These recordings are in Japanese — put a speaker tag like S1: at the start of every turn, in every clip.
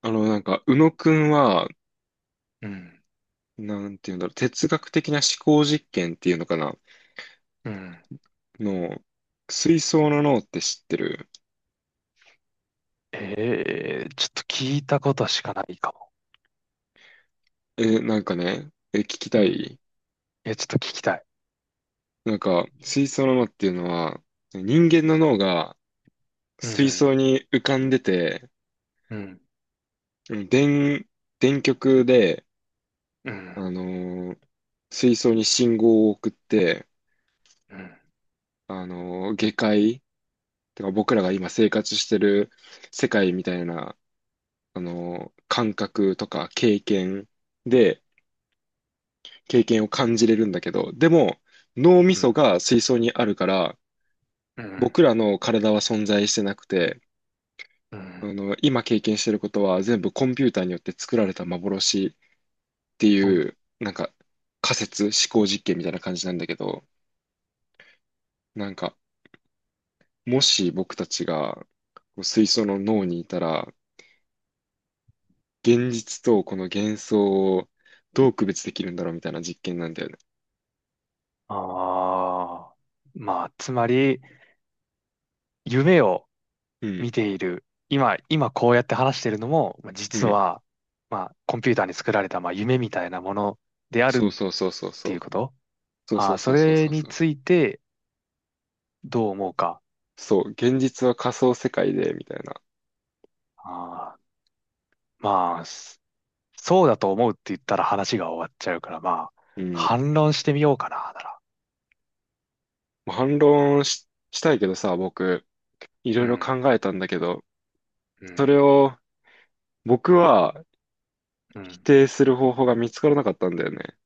S1: 宇野くんは、
S2: うん。
S1: なんていうんだろう、哲学的な思考実験っていうのかな、
S2: うん。
S1: の、水槽の脳って知ってる？
S2: ええ、ちょっと聞いたことしかないかも。
S1: え、なんかね、え、聞きた
S2: うん。
S1: い。
S2: え、ちょっと聞きたい。
S1: 水槽の脳っていうのは、人間の脳が
S2: う
S1: 水槽
S2: ん。
S1: に浮かんでて、
S2: うん。
S1: うん電、電極で、
S2: うん。
S1: あのー水槽に信号を送って、
S2: うん。
S1: あのー下界、てか僕らが今生活してる世界みたいな、あの、感覚とか経験で、経験を感じれるんだけど、でも、脳み
S2: う
S1: そ
S2: ん。
S1: が水槽にあるから、
S2: うん。
S1: 僕らの体は存在してなくて、
S2: う
S1: あ
S2: ん。
S1: の、今経験してることは全部コンピューターによって作られた幻って
S2: う
S1: い
S2: ん。
S1: う、仮説、思考実験みたいな感じなんだけど、なんか、もし僕たちがこう水槽の脳にいたら、現実とこの幻想をどう区別できるんだろうみたいな実験なんだよね。
S2: ああ。まあ、つまり、夢を
S1: う
S2: 見
S1: ん。
S2: ている。今こうやって話しているのも、まあ
S1: う
S2: 実
S1: ん。
S2: は、まあ、コンピューターに作られた、まあ、夢みたいなものである
S1: そ
S2: っ
S1: うそうそうそうそ
S2: ていう
S1: う。
S2: こと。
S1: そうそ
S2: あ
S1: う
S2: あ、
S1: そ
S2: そ
S1: うそうそ
S2: れ
S1: う
S2: に
S1: そう。
S2: ついてどう思うか。
S1: そう、現実は仮想世界で、みたいな。
S2: ああ、まあ、そうだと思うって言ったら話が終わっちゃうから、まあ、
S1: うん。も
S2: 反論してみようかな、なら。
S1: う反論し、したいけどさ、僕、いろ
S2: う
S1: いろ
S2: ん、
S1: 考えたんだけど、
S2: う
S1: そ
S2: ん、
S1: れを僕は
S2: う
S1: 否
S2: ん。
S1: 定する方法が見つからなかったんだよね。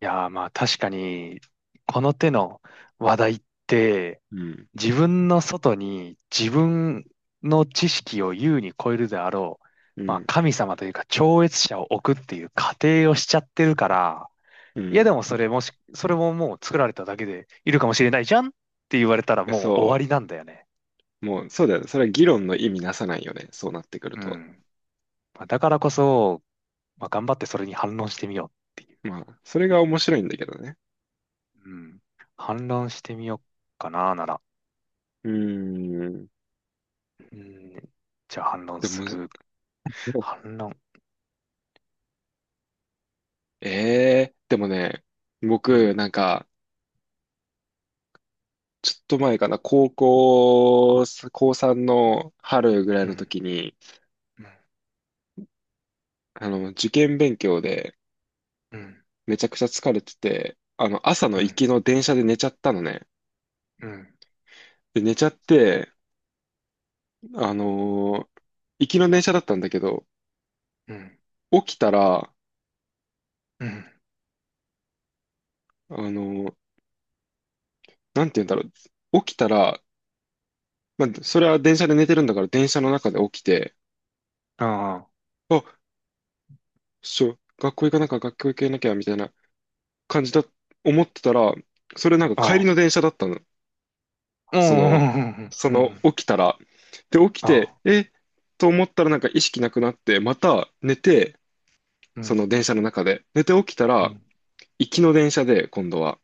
S2: いやー、まあ確かに、この手の話題って、
S1: うん。
S2: 自分の外に自分の知識を優に超えるであろう、
S1: う
S2: まあ
S1: ん。
S2: 神様というか超越者を置くっていう仮定をしちゃってるから、
S1: う
S2: いやで
S1: ん。
S2: もそれももう作られただけでいるかもしれないじゃんって言われたらも
S1: そ
S2: う終わりなんだよね。
S1: う。もう、そうだよね。それは議論の意味なさないよね。そうなってくる
S2: う
S1: と。
S2: ん。まあだからこそ、まあ、頑張ってそれに反論してみようっていう。
S1: まあ、それが面白いんだけどね。
S2: うん。反論してみようかな、なら。
S1: うーん。
S2: うん。じゃあ反論
S1: でも
S2: す
S1: むず、
S2: る。反論。
S1: ええー、でもね、
S2: う
S1: 僕、
S2: ん。
S1: ちょっと前かな、高3の春ぐらい
S2: う
S1: の
S2: ん。
S1: 時に、
S2: うん。
S1: あの、受験勉強で
S2: うん。
S1: めちゃくちゃ疲れてて、あの、朝の
S2: う
S1: 行き
S2: ん。
S1: の電車で寝ちゃったのね。
S2: う
S1: で、寝ちゃって、あのー行きの電車だったんだけど、
S2: ん。
S1: 起きたら、
S2: うん。
S1: あのーなんて言うんだろう。起きたら、まあ、それは電車で寝てるんだから電車の中で起きて、
S2: あ
S1: あ、学校行かなきゃ、学校行けなきゃ、みたいな感じだ、思ってたら、それなん
S2: あ。
S1: か帰
S2: あ
S1: り
S2: あ。
S1: の電車だったの。
S2: う
S1: その、
S2: ん。
S1: そ
S2: う
S1: の
S2: ん。
S1: 起きたら。で、起き
S2: あ
S1: て、
S2: あ。
S1: えと思ったらなんか意識なくなって、また寝て、
S2: う
S1: そ
S2: ん。
S1: の電車の中で。寝て起きた
S2: う
S1: ら、
S2: ん。
S1: 行きの電車で、今度は。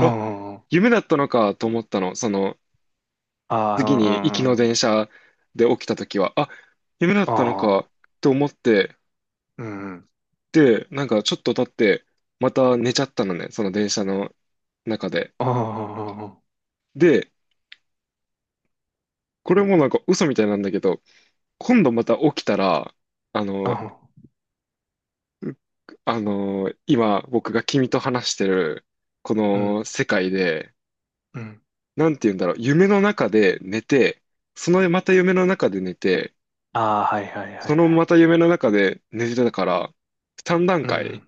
S1: あ、夢だったのかと思ったの。その、
S2: あ。
S1: 次に行き
S2: ああ。
S1: の
S2: うん。
S1: 電車で起きた時は、あ、夢だっ
S2: あ
S1: たのか
S2: あ。
S1: と思って、
S2: うん。
S1: で、なんかちょっと経って、また寝ちゃったのね、その電車の中で。
S2: ああ。
S1: で、これもなんか嘘みたいなんだけど、今度また起きたら、あ
S2: あ
S1: の、
S2: あ。
S1: う今僕が君と話してるこ
S2: う
S1: の
S2: ん。
S1: 世界で、
S2: うん。
S1: なんて言うんだろう、夢の中で寝て、そのまた夢の中で寝て、
S2: ああ。はいはいはい
S1: その
S2: は
S1: ま
S2: い。
S1: た夢の中で寝てたから、3段
S2: う
S1: 階
S2: ん。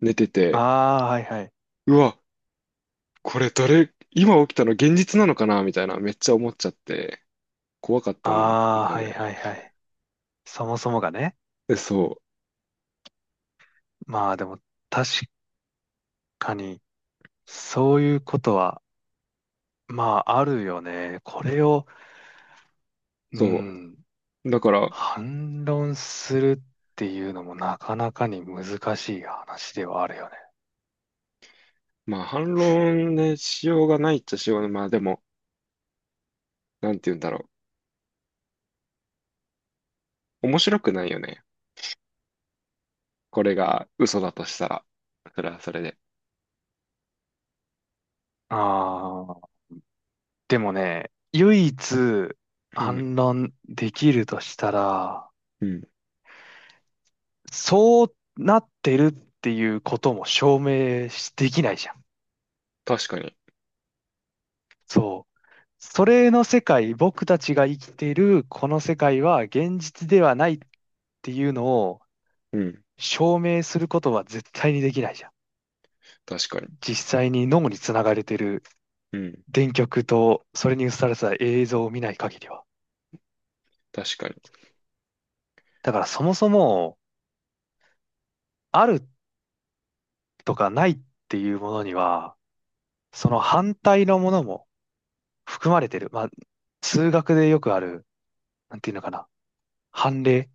S1: 寝て
S2: あ
S1: て、
S2: あ。はいはい。
S1: うわ、これどれ、今起きたの現実なのかなみたいな、めっちゃ思っちゃって、怖かったん
S2: あ
S1: だ
S2: あ。
S1: よ
S2: は
S1: ね。
S2: いはいはい。そもそもがね。
S1: え、そう、
S2: まあでも確かにそういうことはまああるよね。これを、う
S1: そ
S2: ん、
S1: う。だから、
S2: 反論するっていうのもなかなかに難しい話ではあるよね。
S1: まあ反論ね、しようがないっちゃしようがない。まあでも、なんて言うんだろう。面白くないよね。これが嘘だとしたら、それはそれで。
S2: ああ、でもね、唯一
S1: うん、
S2: 反論できるとしたら、
S1: うん、
S2: そうなってるっていうことも証明しできないじゃん。
S1: 確かに。
S2: そう。それの世界、僕たちが生きているこの世界は現実ではないっていうのを
S1: うん、
S2: 証明することは絶対にできないじゃん。
S1: 確かに。
S2: 実際に脳につながれてる
S1: うん、
S2: 電極とそれに映された映像を見ない限りは。
S1: 確かに。
S2: だからそもそもあるとかないっていうものには、その反対のものも含まれてる。まあ、数学でよくある、なんていうのかな。反例。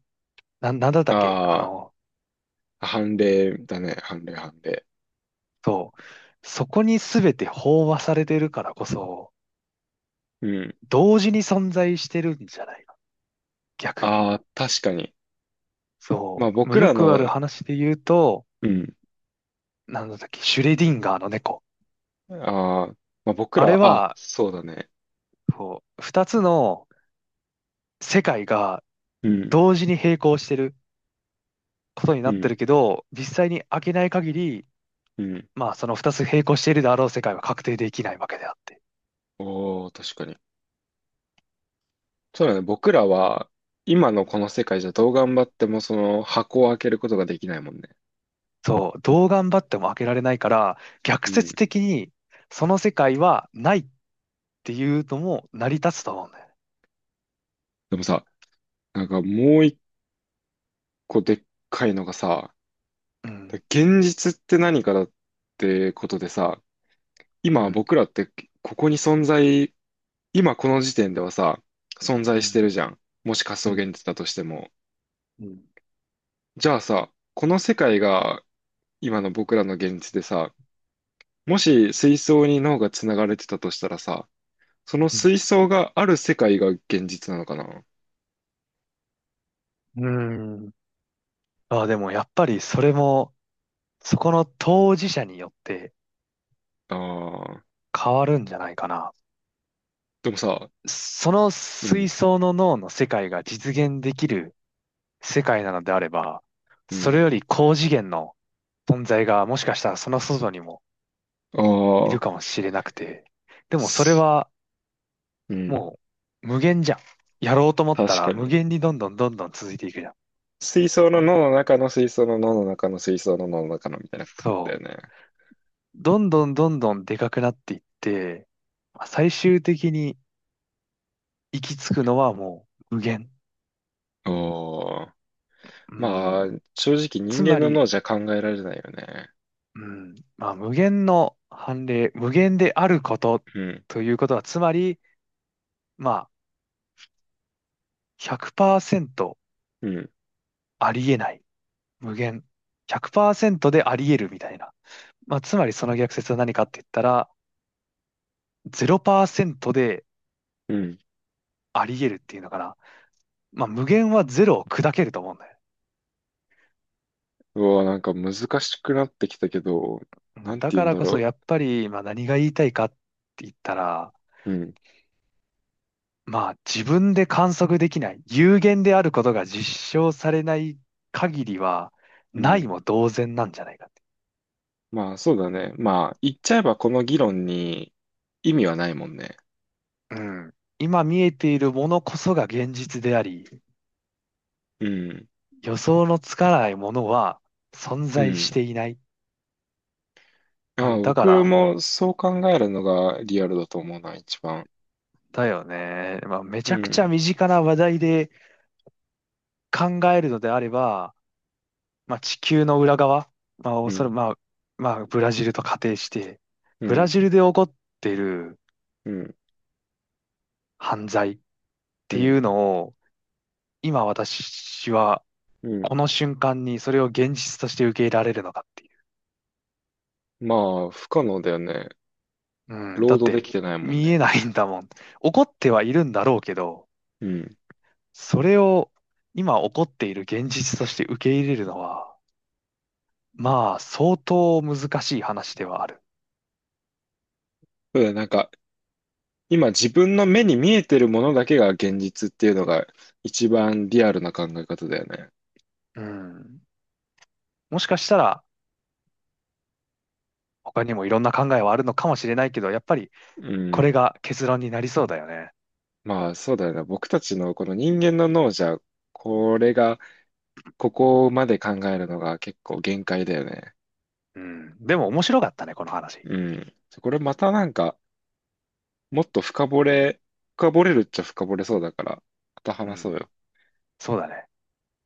S2: なんだったっけ
S1: ああ、判例だね、判例、判例。
S2: そう。そこに全て飽和されてるからこそ、
S1: うん、
S2: 同時に存在してるんじゃないか。逆に。
S1: ああ、確かに。ま
S2: そ
S1: あ
S2: う。もう
S1: 僕
S2: よ
S1: ら
S2: くある
S1: の、
S2: 話で言うと、
S1: うん、
S2: なんだったっけ、シュレディンガーの猫。
S1: ああ、まあ僕
S2: あれ
S1: ら、あ、
S2: は、
S1: そうだね。
S2: そう、二つの世界が
S1: うん、
S2: 同時に並行してることに
S1: う
S2: なってる
S1: ん、
S2: けど、実際に開けない限り、
S1: うん。
S2: まあその二つ並行しているであろう世界は確定できないわけであって。
S1: おお、確かに。そうだね、僕らは、今のこの世界じゃどう頑張ってもその箱を開けることができないもんね。
S2: そう。どう頑張っても開けられないから、逆
S1: うん。
S2: 説的にその世界はないっていうのも成り立つと思うんだよね。
S1: でもさ、なんかもう一個でっかいのがさ、
S2: う
S1: だ
S2: ん。
S1: 現実って何かだってことでさ、
S2: う
S1: 今
S2: ん。
S1: 僕らってここに存在、今この時点ではさ、存在
S2: う
S1: して
S2: ん。
S1: るじゃん。もし仮
S2: う
S1: 想
S2: ん。
S1: 現実だとしても。
S2: うん。
S1: じゃあさ、この世界が今の僕らの現実でさ、もし水槽に脳が繋がれてたとしたらさ、その
S2: うん。
S1: 水槽がある世界が現実なのかな？
S2: うん。まあでもやっぱりそれも、そこの当事者によって
S1: ああー、
S2: 変わるんじゃないかな。
S1: でもさ、
S2: その
S1: う
S2: 水
S1: ん、
S2: 槽の脳の世界が実現できる世界なのであれば、
S1: う
S2: それ
S1: ん、
S2: より高次元の存在がもしかしたらその外にも
S1: あ
S2: いる
S1: あ、
S2: かもしれなくて、でもそれ
S1: す
S2: は
S1: うん、
S2: もう無限じゃん。やろうと思った
S1: 確
S2: ら
S1: か
S2: 無
S1: に。
S2: 限にどんどん続いていくじゃん。
S1: 水槽の脳の中の水槽の脳の中の水槽の脳の中のみたいなことだ
S2: そ
S1: よ
S2: う。
S1: ね。
S2: どんどんでかくなっていって、まあ最終的に行き着くのはもう無限。
S1: おー。
S2: うん。
S1: まあ、正直人
S2: つ
S1: 間
S2: ま
S1: の
S2: り、
S1: 脳じゃ考えられないよね。
S2: うん。まあ、無限の判例、無限であること
S1: うん、
S2: ということは、つまり、まあ、100%
S1: うん、
S2: ありえない。無限。100%でありえるみたいな。まあ、つまりその逆説は何かって言ったら、0%で
S1: うん。
S2: ありえるっていうのかな。まあ、無限はゼロを砕けると思うんだよ。
S1: うわ、なんか難しくなってきたけど、
S2: う
S1: なん
S2: ん、
S1: て
S2: だ
S1: 言う
S2: か
S1: ん
S2: ら
S1: だ
S2: こそ
S1: ろ
S2: やっぱり、まあ、何が言いたいかって言ったら、
S1: う。うん、
S2: まあ自分で観測できない、有限であることが実証されない限りは、
S1: う
S2: ない
S1: ん。
S2: も同然なんじゃないかって。
S1: まあ、そうだね。まあ、言っちゃえばこの議論に意味はないもんね。
S2: うん。今見えているものこそが現実であり、
S1: うん、
S2: 予想のつかないものは存
S1: う
S2: 在し
S1: ん。
S2: ていない。ま
S1: あ
S2: あ、だか
S1: 僕
S2: ら、
S1: もそう考えるのがリアルだと思うな、一番。
S2: だよね。まあ、め
S1: う
S2: ちゃくちゃ
S1: ん、
S2: 身近な話題で考えるのであれば、まあ、地球の裏側、まあ、お
S1: う
S2: そら
S1: ん、
S2: く、まあ、ブラジルと仮定して、
S1: う
S2: ブラ
S1: ん、
S2: ジルで起こってる
S1: うん、
S2: 犯罪っ
S1: う
S2: てい
S1: ん。
S2: うのを、今私は、
S1: うん
S2: この瞬間にそれを現実として受け入れられるのかっていう。
S1: まあ、不可能だよね。
S2: うん、だ
S1: 労
S2: っ
S1: 働で
S2: て、
S1: きてないもん
S2: 見え
S1: ね。
S2: ないんだもん。起こってはいるんだろうけど、
S1: うん。
S2: それを今起こっている現実として受け入れるのは、まあ、相当難しい話ではある。
S1: そうだよね、なんか、今自分の目に見えてるものだけが現実っていうのが一番リアルな考え方だよね。
S2: うん。もしかしたら、他にもいろんな考えはあるのかもしれないけど、やっぱり、
S1: う
S2: これ
S1: ん。
S2: が結論になりそうだよね。
S1: まあ、そうだよね。僕たちのこの人間の脳じゃ、これが、ここまで考えるのが結構限界だよね。
S2: うん。でも面白かったね、この話。
S1: うん。これまたなんか、もっと深掘れ、深掘れるっちゃ深掘れそうだから、また
S2: う
S1: 話そう
S2: ん。
S1: よ。
S2: そうだね。